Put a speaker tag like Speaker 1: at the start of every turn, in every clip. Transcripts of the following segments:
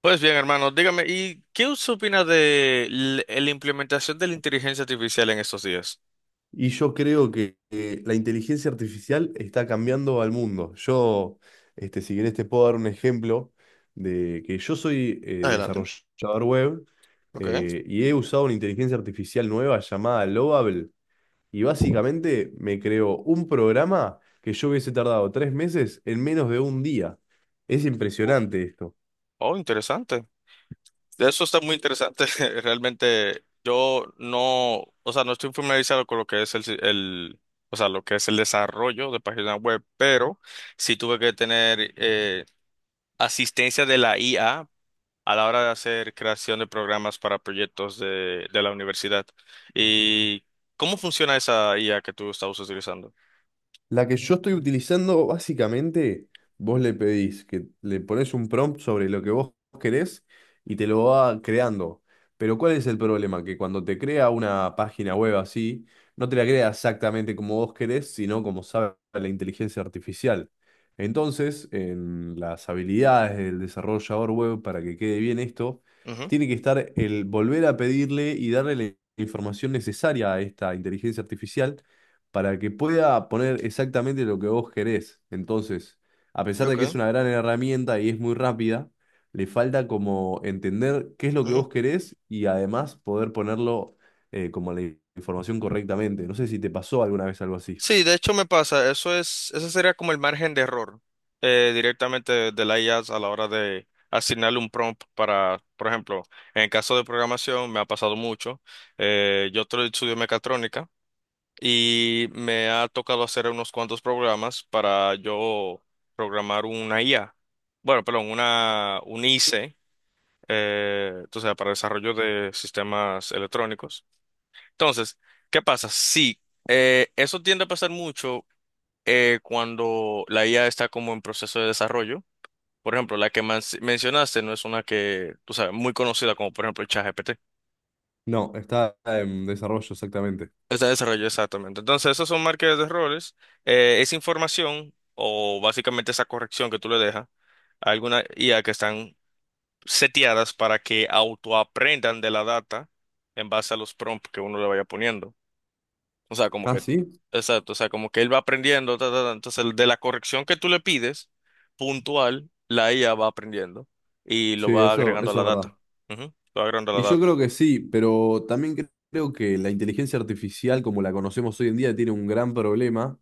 Speaker 1: Pues bien, hermano, dígame, ¿y qué usted opina de la implementación de la inteligencia artificial en estos días?
Speaker 2: Y yo creo que la inteligencia artificial está cambiando al mundo. Si querés, te puedo dar un ejemplo de que yo soy
Speaker 1: Adelante.
Speaker 2: desarrollador web,
Speaker 1: Ok.
Speaker 2: y he usado una inteligencia artificial nueva llamada Lovable. Y básicamente me creó un programa que yo hubiese tardado tres meses en menos de un día. Es impresionante esto.
Speaker 1: Oh, interesante. Eso está muy interesante. Realmente yo no, o sea, no estoy familiarizado con lo que es el, si- el, o sea, lo que es el desarrollo de páginas web, pero sí tuve que tener asistencia de la IA a la hora de hacer creación de programas para proyectos de la universidad. ¿Y cómo funciona esa IA que tú estabas utilizando?
Speaker 2: La que yo estoy utilizando, básicamente, vos le pedís que le pones un prompt sobre lo que vos querés y te lo va creando. Pero ¿cuál es el problema? Que cuando te crea una página web así, no te la crea exactamente como vos querés, sino como sabe la inteligencia artificial. Entonces, en las habilidades del desarrollador web, para que quede bien esto,
Speaker 1: Ujú.
Speaker 2: tiene que estar el volver a pedirle y darle la información necesaria a esta inteligencia artificial para que pueda poner exactamente lo que vos querés. Entonces, a pesar de
Speaker 1: Ok.
Speaker 2: que es una gran herramienta y es muy rápida, le falta como entender qué es lo que
Speaker 1: Ujú.
Speaker 2: vos querés y además poder ponerlo como la información correctamente. No sé si te pasó alguna vez algo así.
Speaker 1: Sí, de hecho me pasa, eso es, ese sería como el margen de error, directamente de la IA a la hora de asignarle un prompt para, por ejemplo, en el caso de programación me ha pasado mucho. Estudio mecatrónica y me ha tocado hacer unos cuantos programas para yo programar una IA, bueno, perdón, una, un IC, o sea, para desarrollo de sistemas electrónicos. Entonces, ¿qué pasa? Sí. Eso tiende a pasar mucho cuando la IA está como en proceso de desarrollo. Por ejemplo, la que mencionaste no es una que, tú sabes, muy conocida como por ejemplo el ChatGPT.
Speaker 2: No, está en desarrollo exactamente.
Speaker 1: Está en desarrollo exactamente. Entonces, esos son marcas de roles. Esa información o básicamente esa corrección que tú le dejas a alguna IA que están seteadas para que autoaprendan de la data en base a los prompts que uno le vaya poniendo. O sea, como
Speaker 2: Ah,
Speaker 1: que,
Speaker 2: sí.
Speaker 1: exacto, o sea, como que él va aprendiendo, ta, ta, ta. Entonces, el de la corrección que tú le pides, puntual, la IA va aprendiendo y lo
Speaker 2: Sí,
Speaker 1: va
Speaker 2: eso,
Speaker 1: agregando a
Speaker 2: eso
Speaker 1: la
Speaker 2: es verdad.
Speaker 1: data. Ujú. Lo va agregando a
Speaker 2: Y
Speaker 1: la
Speaker 2: yo
Speaker 1: data.
Speaker 2: creo que sí, pero también creo que la inteligencia artificial como la conocemos hoy en día tiene un gran problema,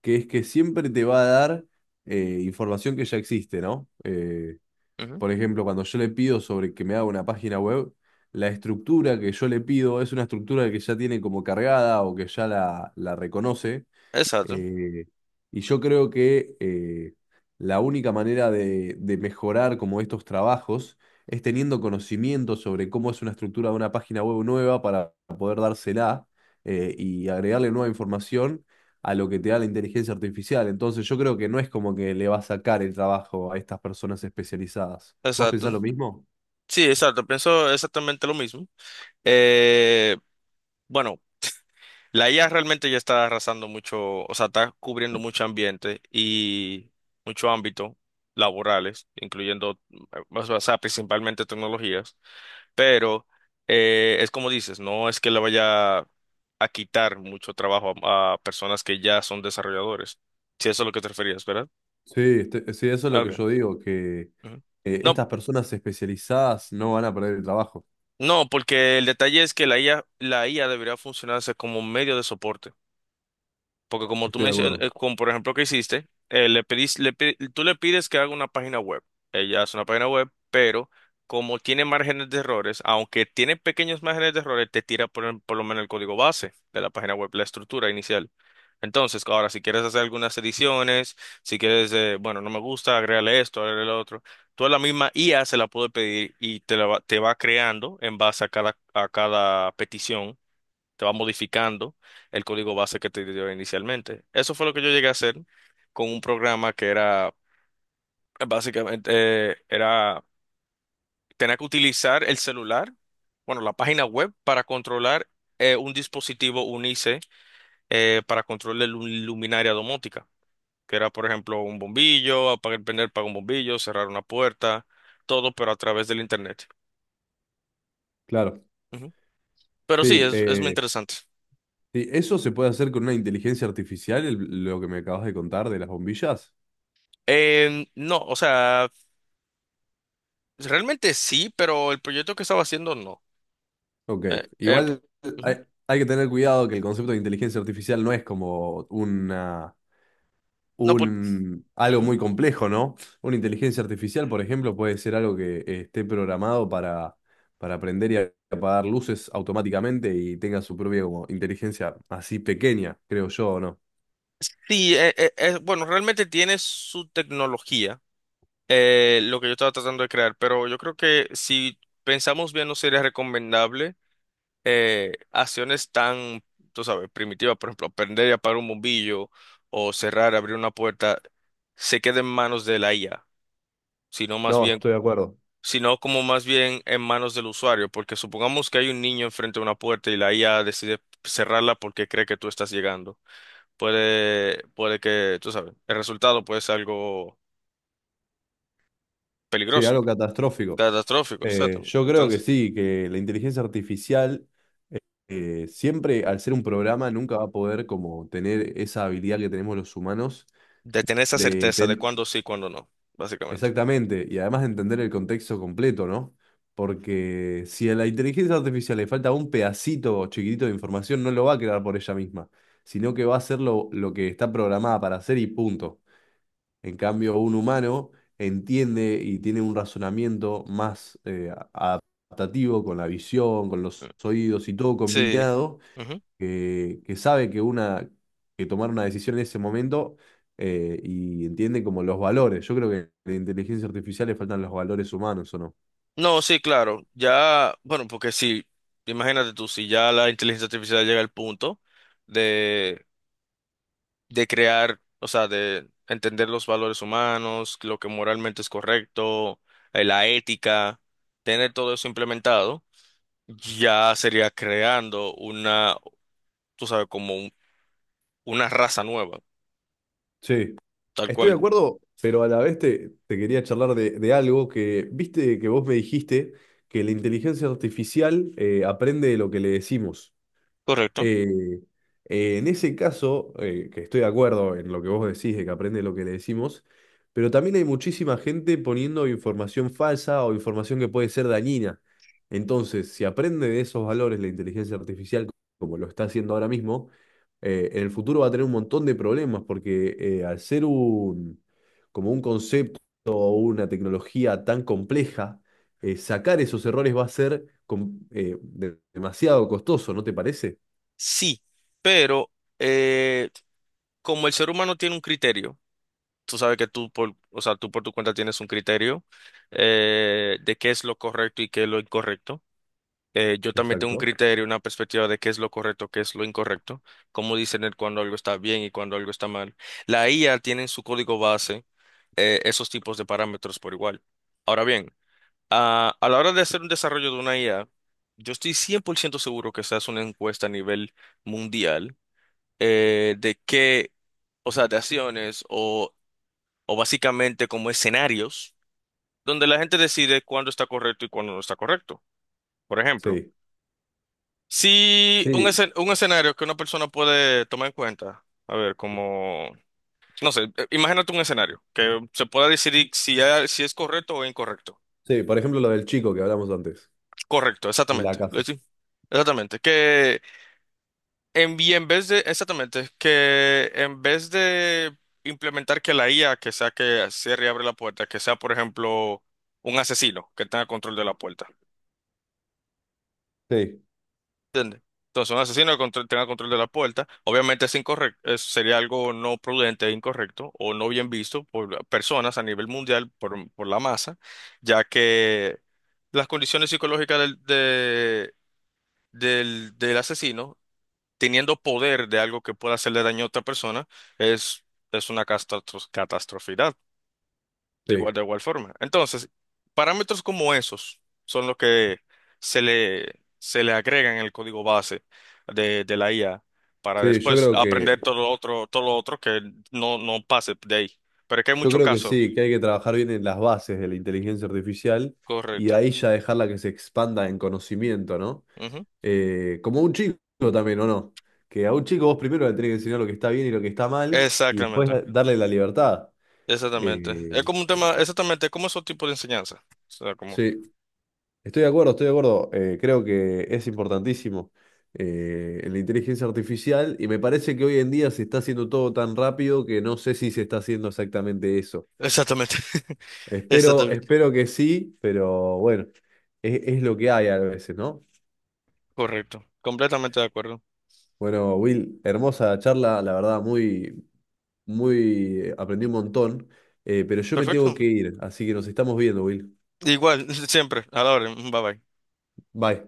Speaker 2: que es que siempre te va a dar información que ya existe, ¿no?
Speaker 1: Ujú.
Speaker 2: Por ejemplo, cuando yo le pido sobre que me haga una página web, la estructura que yo le pido es una estructura que ya tiene como cargada o que ya la reconoce,
Speaker 1: Exacto,
Speaker 2: eh, y yo creo que la única manera de mejorar como estos trabajos es teniendo conocimiento sobre cómo es una estructura de una página web nueva para poder dársela, y agregarle nueva información a lo que te da la inteligencia artificial. Entonces yo creo que no es como que le va a sacar el trabajo a estas personas especializadas. ¿Vos
Speaker 1: exacto.
Speaker 2: pensás lo mismo?
Speaker 1: Sí, exacto, pienso exactamente lo mismo. Eh, bueno, la IA realmente ya está arrasando mucho, o sea, está cubriendo mucho ambiente y mucho ámbito laborales, incluyendo, o sea, principalmente tecnologías. Pero es como dices, no es que le vaya a quitar mucho trabajo a personas que ya son desarrolladores. Si eso es lo que te referías, ¿verdad?
Speaker 2: Sí, sí, eso es
Speaker 1: Ah,
Speaker 2: lo que
Speaker 1: okay.
Speaker 2: yo digo, que
Speaker 1: Ujú. No,
Speaker 2: estas personas especializadas no van a perder el trabajo.
Speaker 1: no, porque el detalle es que la IA debería funcionarse como medio de soporte. Porque como tú
Speaker 2: Estoy de
Speaker 1: mencionas,
Speaker 2: acuerdo.
Speaker 1: como por ejemplo que hiciste, le pedís- le pi- tú le pides que haga una página web. Ella hace una página web, pero como tiene márgenes de errores, aunque tiene pequeños márgenes de errores, te tira por, por lo menos el código base de la página web, la estructura inicial. Entonces, ahora, si quieres hacer algunas ediciones, si quieres, bueno, no me gusta, agrégale esto, agrégale lo otro, tú a la misma IA se la puedes pedir y te va creando en base a a cada petición te va modificando el código base que te dio inicialmente. Eso fue lo que yo llegué a hacer con un programa que era básicamente, era tener que utilizar el celular, bueno, la página web para controlar un dispositivo UNICE, para control de luminaria domótica, que era por ejemplo un bombillo, apagar prender para un bombillo, cerrar una puerta, todo pero a través del internet.
Speaker 2: Claro.
Speaker 1: Ujú. Pero sí,
Speaker 2: Sí,
Speaker 1: es muy interesante.
Speaker 2: sí, eso se puede hacer con una inteligencia artificial, lo que me acabas de contar de las bombillas.
Speaker 1: No, o sea, pues, realmente sí, pero el proyecto que estaba haciendo no.
Speaker 2: Ok,
Speaker 1: Eh, eh, pro-
Speaker 2: igual hay,
Speaker 1: Ujú.
Speaker 2: hay que tener cuidado que el concepto de inteligencia artificial no es como
Speaker 1: No,
Speaker 2: algo
Speaker 1: ujú.
Speaker 2: muy complejo, ¿no? Una inteligencia artificial, por ejemplo, puede ser algo que esté programado para prender y apagar luces automáticamente y tenga su propia como, inteligencia así pequeña, creo yo, ¿o no?
Speaker 1: Sí, bueno, realmente tiene su tecnología, lo que yo estaba tratando de crear, pero yo creo que si pensamos bien no sería recomendable acciones tan, tú sabes, primitivas, por ejemplo, aprender y apagar un bombillo o cerrar, abrir una puerta, se quede en manos de la IA, sino más
Speaker 2: No,
Speaker 1: bien
Speaker 2: estoy de acuerdo.
Speaker 1: sino como más bien en manos del usuario, porque supongamos que hay un niño enfrente de una puerta y la IA decide cerrarla porque cree que tú estás llegando. Puede que, tú sabes, el resultado puede ser algo
Speaker 2: Sí,
Speaker 1: peligroso,
Speaker 2: algo catastrófico.
Speaker 1: catastrófico, exactamente.
Speaker 2: Yo creo que
Speaker 1: Entonces,
Speaker 2: sí, que la inteligencia artificial siempre, al ser un programa, nunca va a poder como tener esa habilidad que tenemos los humanos
Speaker 1: de tener esa
Speaker 2: de
Speaker 1: certeza de
Speaker 2: entender
Speaker 1: cuándo sí, cuándo no, básicamente.
Speaker 2: exactamente y además de entender el contexto completo, ¿no? Porque si a la inteligencia artificial le falta un pedacito chiquitito de información, no lo va a crear por ella misma, sino que va a hacer lo que está programada para hacer y punto. En cambio, un humano entiende y tiene un razonamiento más, adaptativo, con la visión, con
Speaker 1: Mm.
Speaker 2: los oídos y todo
Speaker 1: Sí.
Speaker 2: combinado,
Speaker 1: Ujú.
Speaker 2: que sabe que una, que tomar una decisión en ese momento, y entiende como los valores. Yo creo que en la inteligencia artificial le faltan los valores humanos, ¿o no?
Speaker 1: No, sí, claro. Ya, bueno, porque si, imagínate tú, si ya la inteligencia artificial llega al punto de crear, o sea, de entender los valores humanos, lo que moralmente es correcto, la ética, tener todo eso implementado, ya sería creando una, tú sabes, una raza nueva,
Speaker 2: Sí.
Speaker 1: tal
Speaker 2: Estoy de
Speaker 1: cual.
Speaker 2: acuerdo, pero a la vez te, te quería charlar de algo que, viste que vos me dijiste que la inteligencia artificial aprende de lo que le decimos.
Speaker 1: Correcto.
Speaker 2: Eh, en ese caso, que estoy de acuerdo en lo que vos decís, de que aprende lo que le decimos, pero también hay muchísima gente poniendo información falsa o información que puede ser dañina. Entonces, si aprende de esos valores la inteligencia artificial, como lo está haciendo ahora mismo, en el futuro va a tener un montón de problemas, porque al ser un, como un concepto o una tecnología tan compleja, sacar esos errores va a ser demasiado costoso, ¿no te parece?
Speaker 1: Sí, pero eh, como el ser humano tiene un criterio, tú sabes que o sea, tú por tu cuenta tienes un criterio de qué es lo correcto y qué es lo incorrecto. Yo también tengo un
Speaker 2: Exacto.
Speaker 1: criterio, una perspectiva de qué es lo correcto, qué es lo incorrecto, cómo discernir cuando algo está bien y cuando algo está mal. La IA tiene en su código base esos tipos de parámetros por igual. Ahora bien, a la hora de hacer un desarrollo de una IA, yo estoy 100% seguro que se hace una encuesta a nivel mundial de qué, o sea, de acciones o básicamente como escenarios donde la gente decide cuándo está correcto y cuándo no está correcto. Por ejemplo.
Speaker 2: Sí,
Speaker 1: Sí,
Speaker 2: sí,
Speaker 1: un escenario que una persona puede tomar en cuenta. A ver, como, no sé, imagínate un escenario que se pueda decidir si, si es correcto o incorrecto.
Speaker 2: sí. Por ejemplo, lo del chico que hablamos antes,
Speaker 1: Correcto,
Speaker 2: de la
Speaker 1: exactamente.
Speaker 2: casa.
Speaker 1: Exactamente. Que en vez de, exactamente, que en vez de implementar que la IA que sea que cierre y abre la puerta, que sea, por ejemplo, un asesino que tenga control de la puerta.
Speaker 2: Sí,
Speaker 1: Entonces, un asesino que tenga control de la puerta, obviamente es incorrecto, sería algo no prudente, e incorrecto o no bien visto por personas a nivel mundial, por la masa, ya que las condiciones psicológicas del, del asesino, teniendo poder de algo que pueda hacerle daño a otra persona, es, es una catástrofe.
Speaker 2: sí,
Speaker 1: De igual forma. Entonces, parámetros como esos son los que se le agregan en el código base de la IA para
Speaker 2: sí.
Speaker 1: después aprender todo lo otro que no, no pase de ahí. Pero es que hay
Speaker 2: Yo
Speaker 1: muchos
Speaker 2: creo que
Speaker 1: casos.
Speaker 2: sí, que hay que trabajar bien en las bases de la inteligencia artificial y de
Speaker 1: Correcto.
Speaker 2: ahí ya dejarla que se expanda en conocimiento, ¿no?
Speaker 1: Ujú.
Speaker 2: Como un chico también, ¿o no? Que a un chico vos primero le tenés que enseñar lo que está bien y lo que está mal y después
Speaker 1: Exactamente.
Speaker 2: darle la libertad.
Speaker 1: Exactamente. Es
Speaker 2: Eh,
Speaker 1: como un tema, exactamente, como esos tipos de enseñanza. O sea, como.
Speaker 2: sí. Estoy de acuerdo, estoy de acuerdo. Creo que es importantísimo la inteligencia artificial y me parece que hoy en día se está haciendo todo tan rápido que no sé si se está haciendo exactamente eso.
Speaker 1: Exactamente.
Speaker 2: Espero,
Speaker 1: Exactamente.
Speaker 2: espero que sí, pero bueno, es lo que hay a veces, ¿no?
Speaker 1: Correcto. Completamente de acuerdo.
Speaker 2: Bueno, Will, hermosa charla, la verdad, muy, muy, aprendí un montón, pero yo me tengo
Speaker 1: Perfecto.
Speaker 2: que ir, así que nos estamos viendo, Will.
Speaker 1: Igual, siempre. A la orden. Bye bye.
Speaker 2: Bye.